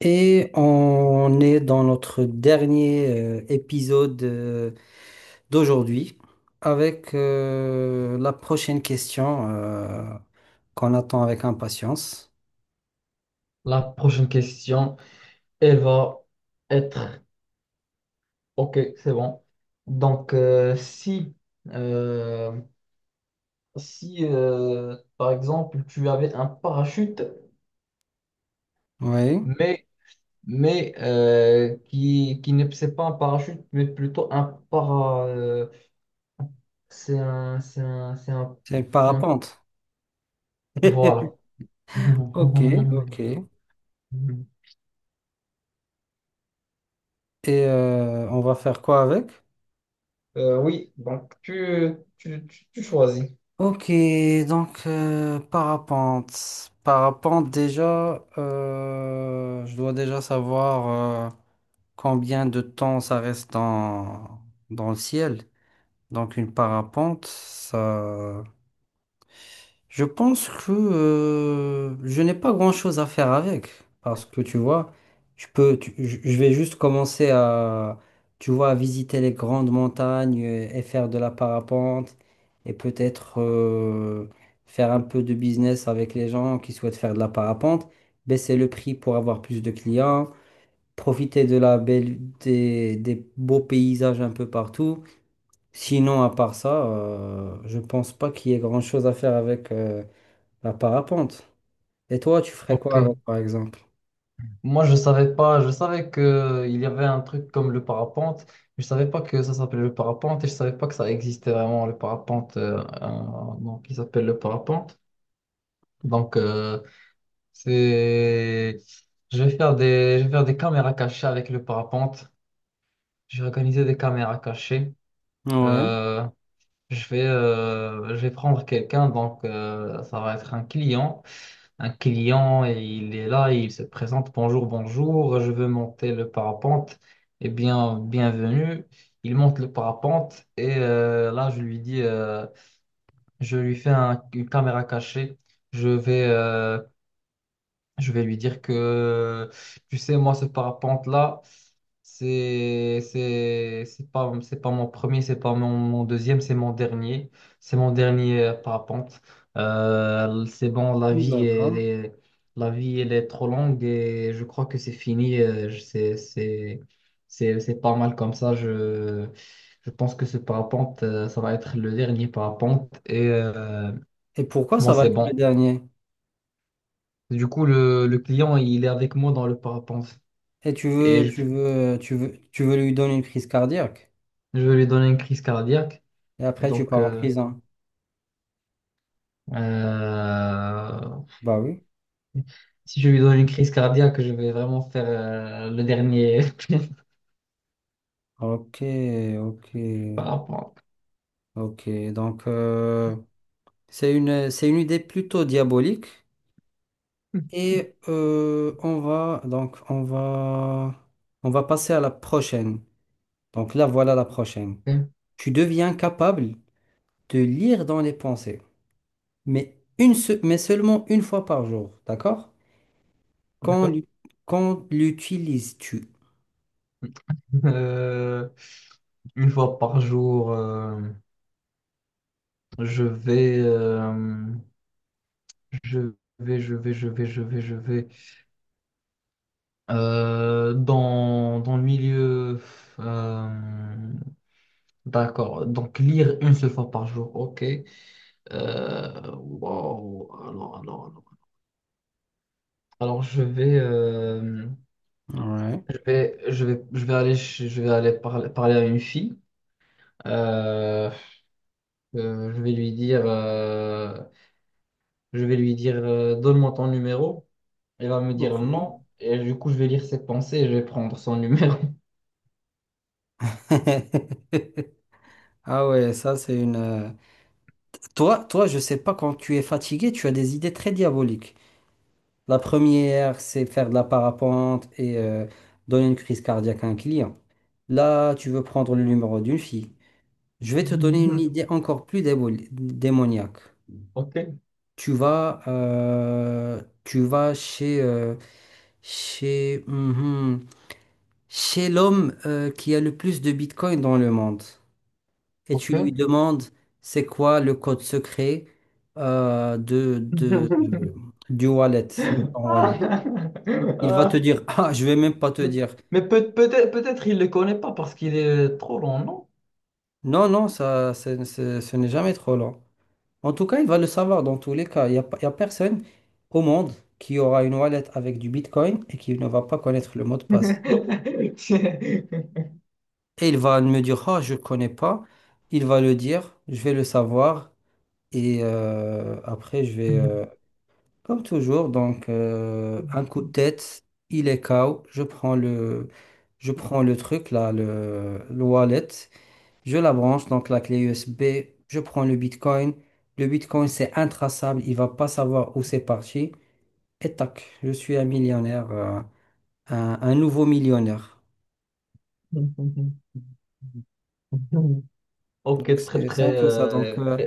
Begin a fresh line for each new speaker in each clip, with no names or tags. Et on est dans notre dernier épisode d'aujourd'hui avec la prochaine question qu'on attend avec impatience.
La prochaine question, elle va être... Ok, c'est bon. Donc, euh, si par exemple, tu avais un parachute,
Oui,
mais, mais qui ne c'est pas un parachute, mais plutôt un para... c'est un, c'est un, c'est un,
c'est le
c'est un-
parapente.
Voilà.
Ok, ok. Et on va faire quoi avec?
Oui, donc tu choisis.
Ok, donc parapente. Parapente déjà, je dois déjà savoir combien de temps ça reste dans le ciel. Donc une parapente, ça... Je pense que je n'ai pas grand-chose à faire avec. Parce que tu vois, je peux, je vais juste commencer à, tu vois, à visiter les grandes montagnes et faire de la parapente. Et peut-être faire un peu de business avec les gens qui souhaitent faire de la parapente. Baisser le prix pour avoir plus de clients. Profiter de la belle, des beaux paysages un peu partout. Sinon, à part ça, je pense pas qu'il y ait grand-chose à faire avec la parapente. Et toi, tu ferais quoi
Ok.
avec, par exemple?
Moi, je savais pas, je savais que il y avait un truc comme le parapente, mais je savais pas que ça s'appelait le parapente et je savais pas que ça existait vraiment le parapente donc il s'appelle le parapente. Donc c'est je vais faire des caméras cachées avec le parapente. J'ai organisé des caméras cachées.
Ouais,
Euh, je vais, je vais prendre quelqu'un, donc ça va être un client. Un client, et il est là, il se présente, bonjour, bonjour, je veux monter le parapente. Eh bien, bienvenue. Il monte le parapente et là, je lui dis, je lui fais une caméra cachée. Je vais euh, je vais lui dire que, tu sais, moi, ce parapente-là, c'est pas mon premier, c'est pas mon deuxième, c'est mon dernier. C'est mon dernier parapente. C'est bon,
d'accord.
la vie, elle est trop longue et je crois que c'est fini. C'est pas mal comme ça. Je pense que ce parapente, ça va être le dernier parapente et
Et pourquoi ça
moi,
va
c'est
être le
bon.
dernier?
Du coup, le client, il est avec moi dans le parapente
Et tu
et
veux, tu veux, tu veux, tu veux lui donner une crise cardiaque.
je vais lui donner une crise cardiaque.
Et après, tu
Donc,
pars en prison.
euh,
Bah oui.
si je lui donne une crise cardiaque, je vais vraiment faire le dernier
Ok, ok,
parapente.
ok. Donc, c'est une idée plutôt diabolique. Et on va passer à la prochaine. Donc là, voilà la prochaine.
Ok,
Tu deviens capable de lire dans les pensées, mais, mais seulement une fois par jour, d'accord? Quand,
d'accord?
l'u- quand l'utilises-tu?
Euh, une fois par jour, je vais, je vais, je vais, je vais, je vais, je vais dans, dans le milieu. euh, D'accord. Donc, lire une seule fois par jour. OK. Wow. Alors. Alors, je vais,
Ouais,
je vais aller, je vais aller parler, parler à une fille. Euh, euh, je vais lui dire, euh, je vais lui dire, donne-moi ton numéro. Elle va me dire
ok.
non. Et du coup, je vais lire ses pensées et je vais prendre son numéro.
Ah ouais, Toi, toi, je sais pas, quand tu es fatigué, tu as des idées très diaboliques. La première, c'est faire de la parapente et donner une crise cardiaque à un client. Là, tu veux prendre le numéro d'une fille. Je vais te donner une idée encore plus démoniaque.
OK.
Tu vas chez, mhm, chez l'homme qui a le plus de Bitcoin dans le monde et tu lui
OK.
demandes c'est quoi le code secret euh, de, de, du wallet, de ton wallet. Il va
Ah.
te dire, ah, je vais même pas te
Mais
dire.
peut-être il ne le connaît pas parce qu'il est trop long, non?
Non, non, ce n'est jamais trop long. En tout cas, il va le savoir dans tous les cas. Il n'y a, pas- il y a personne au monde qui aura une wallet avec du Bitcoin et qui ne va pas connaître le mot de passe. Et il va me dire, ah, je ne connais pas. Il va le dire, je vais le savoir. Et après, comme toujours, donc un coup de tête, il est KO. Je prends le truc, là, le wallet. Je la branche, donc la clé USB, je prends le Bitcoin. Le Bitcoin, c'est intraçable, il va pas savoir où c'est parti. Et tac, je suis un millionnaire, un nouveau millionnaire. Donc
Ok, très
c'est
très
c'est un peu ça. Donc
très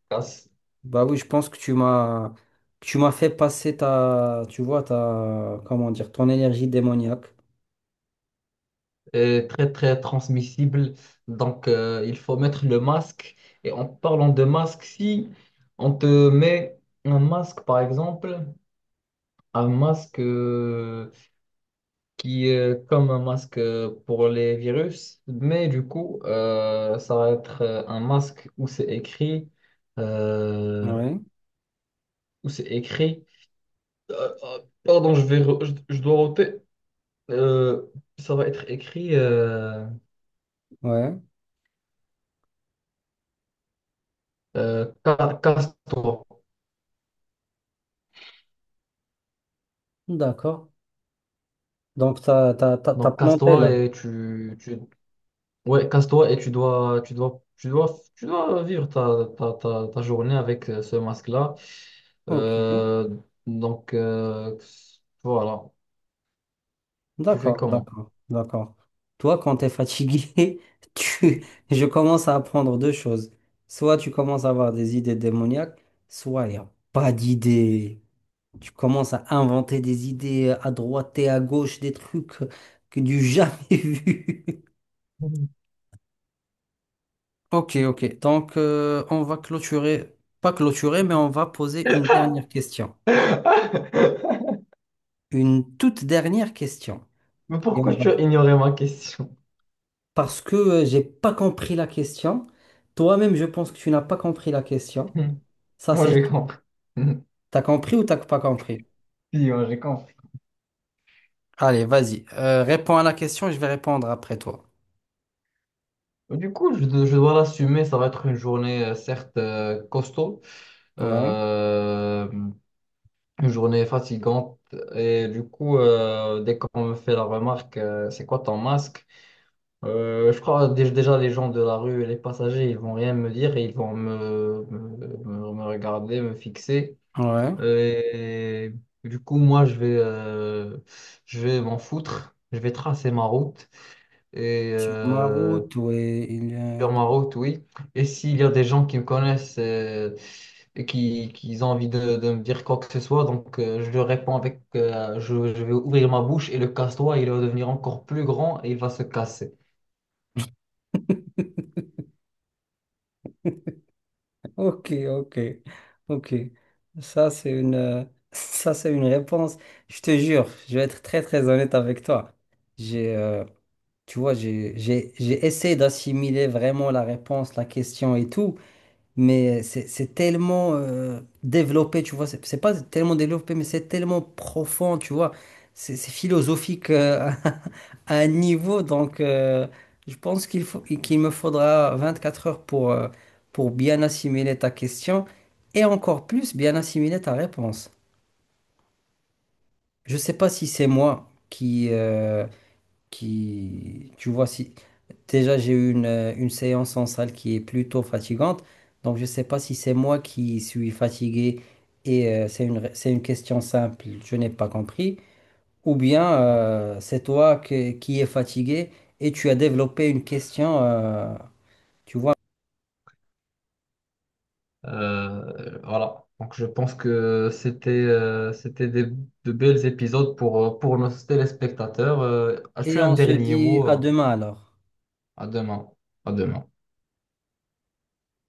efficace
bah oui, je pense que tu m'as fait passer ta, tu vois, ta, comment dire, ton énergie démoniaque.
et très très transmissible. Donc il faut mettre le masque. Et en parlant de masque, si on te met un masque par exemple, un masque, qui est comme un masque pour les virus, mais du coup, ça va être un masque où c'est écrit, euh,
Ouais,
où c'est écrit, pardon, je vais, je dois ôter, euh, ça va être écrit,
ouais,
casse-toi.
d'accord. Donc t'as
Donc,
planté
casse-toi
là.
et tu, ouais, casse-toi et tu dois vivre ta journée avec ce masque-là.
Ok.
Euh, donc, euh, voilà. Tu fais
D'accord,
comment?
d'accord, d'accord. Toi, quand tu es fatigué, tu... je commence à apprendre deux choses. Soit tu commences à avoir des idées démoniaques, soit il n'y a pas d'idées. Tu commences à inventer des idées à droite et à gauche, des trucs que du jamais vu.
Mhm.
Ok, ok. Donc, on va clôturer, pas clôturer, mais on va poser une dernière question. Une toute dernière question.
Mais
Et on
pourquoi
va
tu as ignoré ma question?
parce que j'ai pas compris la question. Toi-même, je pense que tu n'as pas compris la question. Ça,
Moi, j'ai
c'est...
compris.
T'as compris ou t'as pas compris?
Si, moi, j'ai compris.
Allez, vas-y. Réponds à la question, je vais répondre après toi.
Du coup, je dois l'assumer. Ça va être une journée, certes, costaud.
Ouais,
Euh, une journée fatigante. Et du coup, dès qu'on me fait la remarque, c'est quoi ton masque? Je crois déjà les gens de la rue et les passagers, ils vont rien me dire et ils vont me regarder, me fixer.
ouais.
Et du coup, moi, je vais m'en foutre. Je vais tracer ma route. Et
Sur ma route, ouais, il y a...
sur ma route, oui. Et s'il y a des gens qui me connaissent et qui ont envie de me dire quoi que ce soit, donc je leur réponds avec je vais ouvrir ma bouche et le casse-toi, il va devenir encore plus grand et il va se casser.
Ok, ok, ok. Ça, c'est une... euh, Ça, c'est une réponse. Je te jure, je vais être très, très honnête avec toi. J'ai... euh, Tu vois, j'ai essayé d'assimiler vraiment la réponse, la question et tout. Mais c'est tellement développé, tu vois. C'est pas tellement développé, mais c'est tellement profond, tu vois. C'est philosophique à un niveau. Donc, je pense qu'il me faudra 24 heures pour bien assimiler ta question et encore plus bien assimiler ta réponse. Je sais pas si c'est moi qui, tu vois, si déjà j'ai eu une séance en salle qui est plutôt fatigante, donc je sais pas si c'est moi qui suis fatigué et c'est une question simple, je n'ai pas compris, ou bien c'est qui es fatigué et tu as développé une question, tu vois,
Voilà. Donc je pense que c'était de belles épisodes pour nos téléspectateurs. As-tu
et
un
on se
dernier
dit
mot?
à demain alors.
À demain. À demain.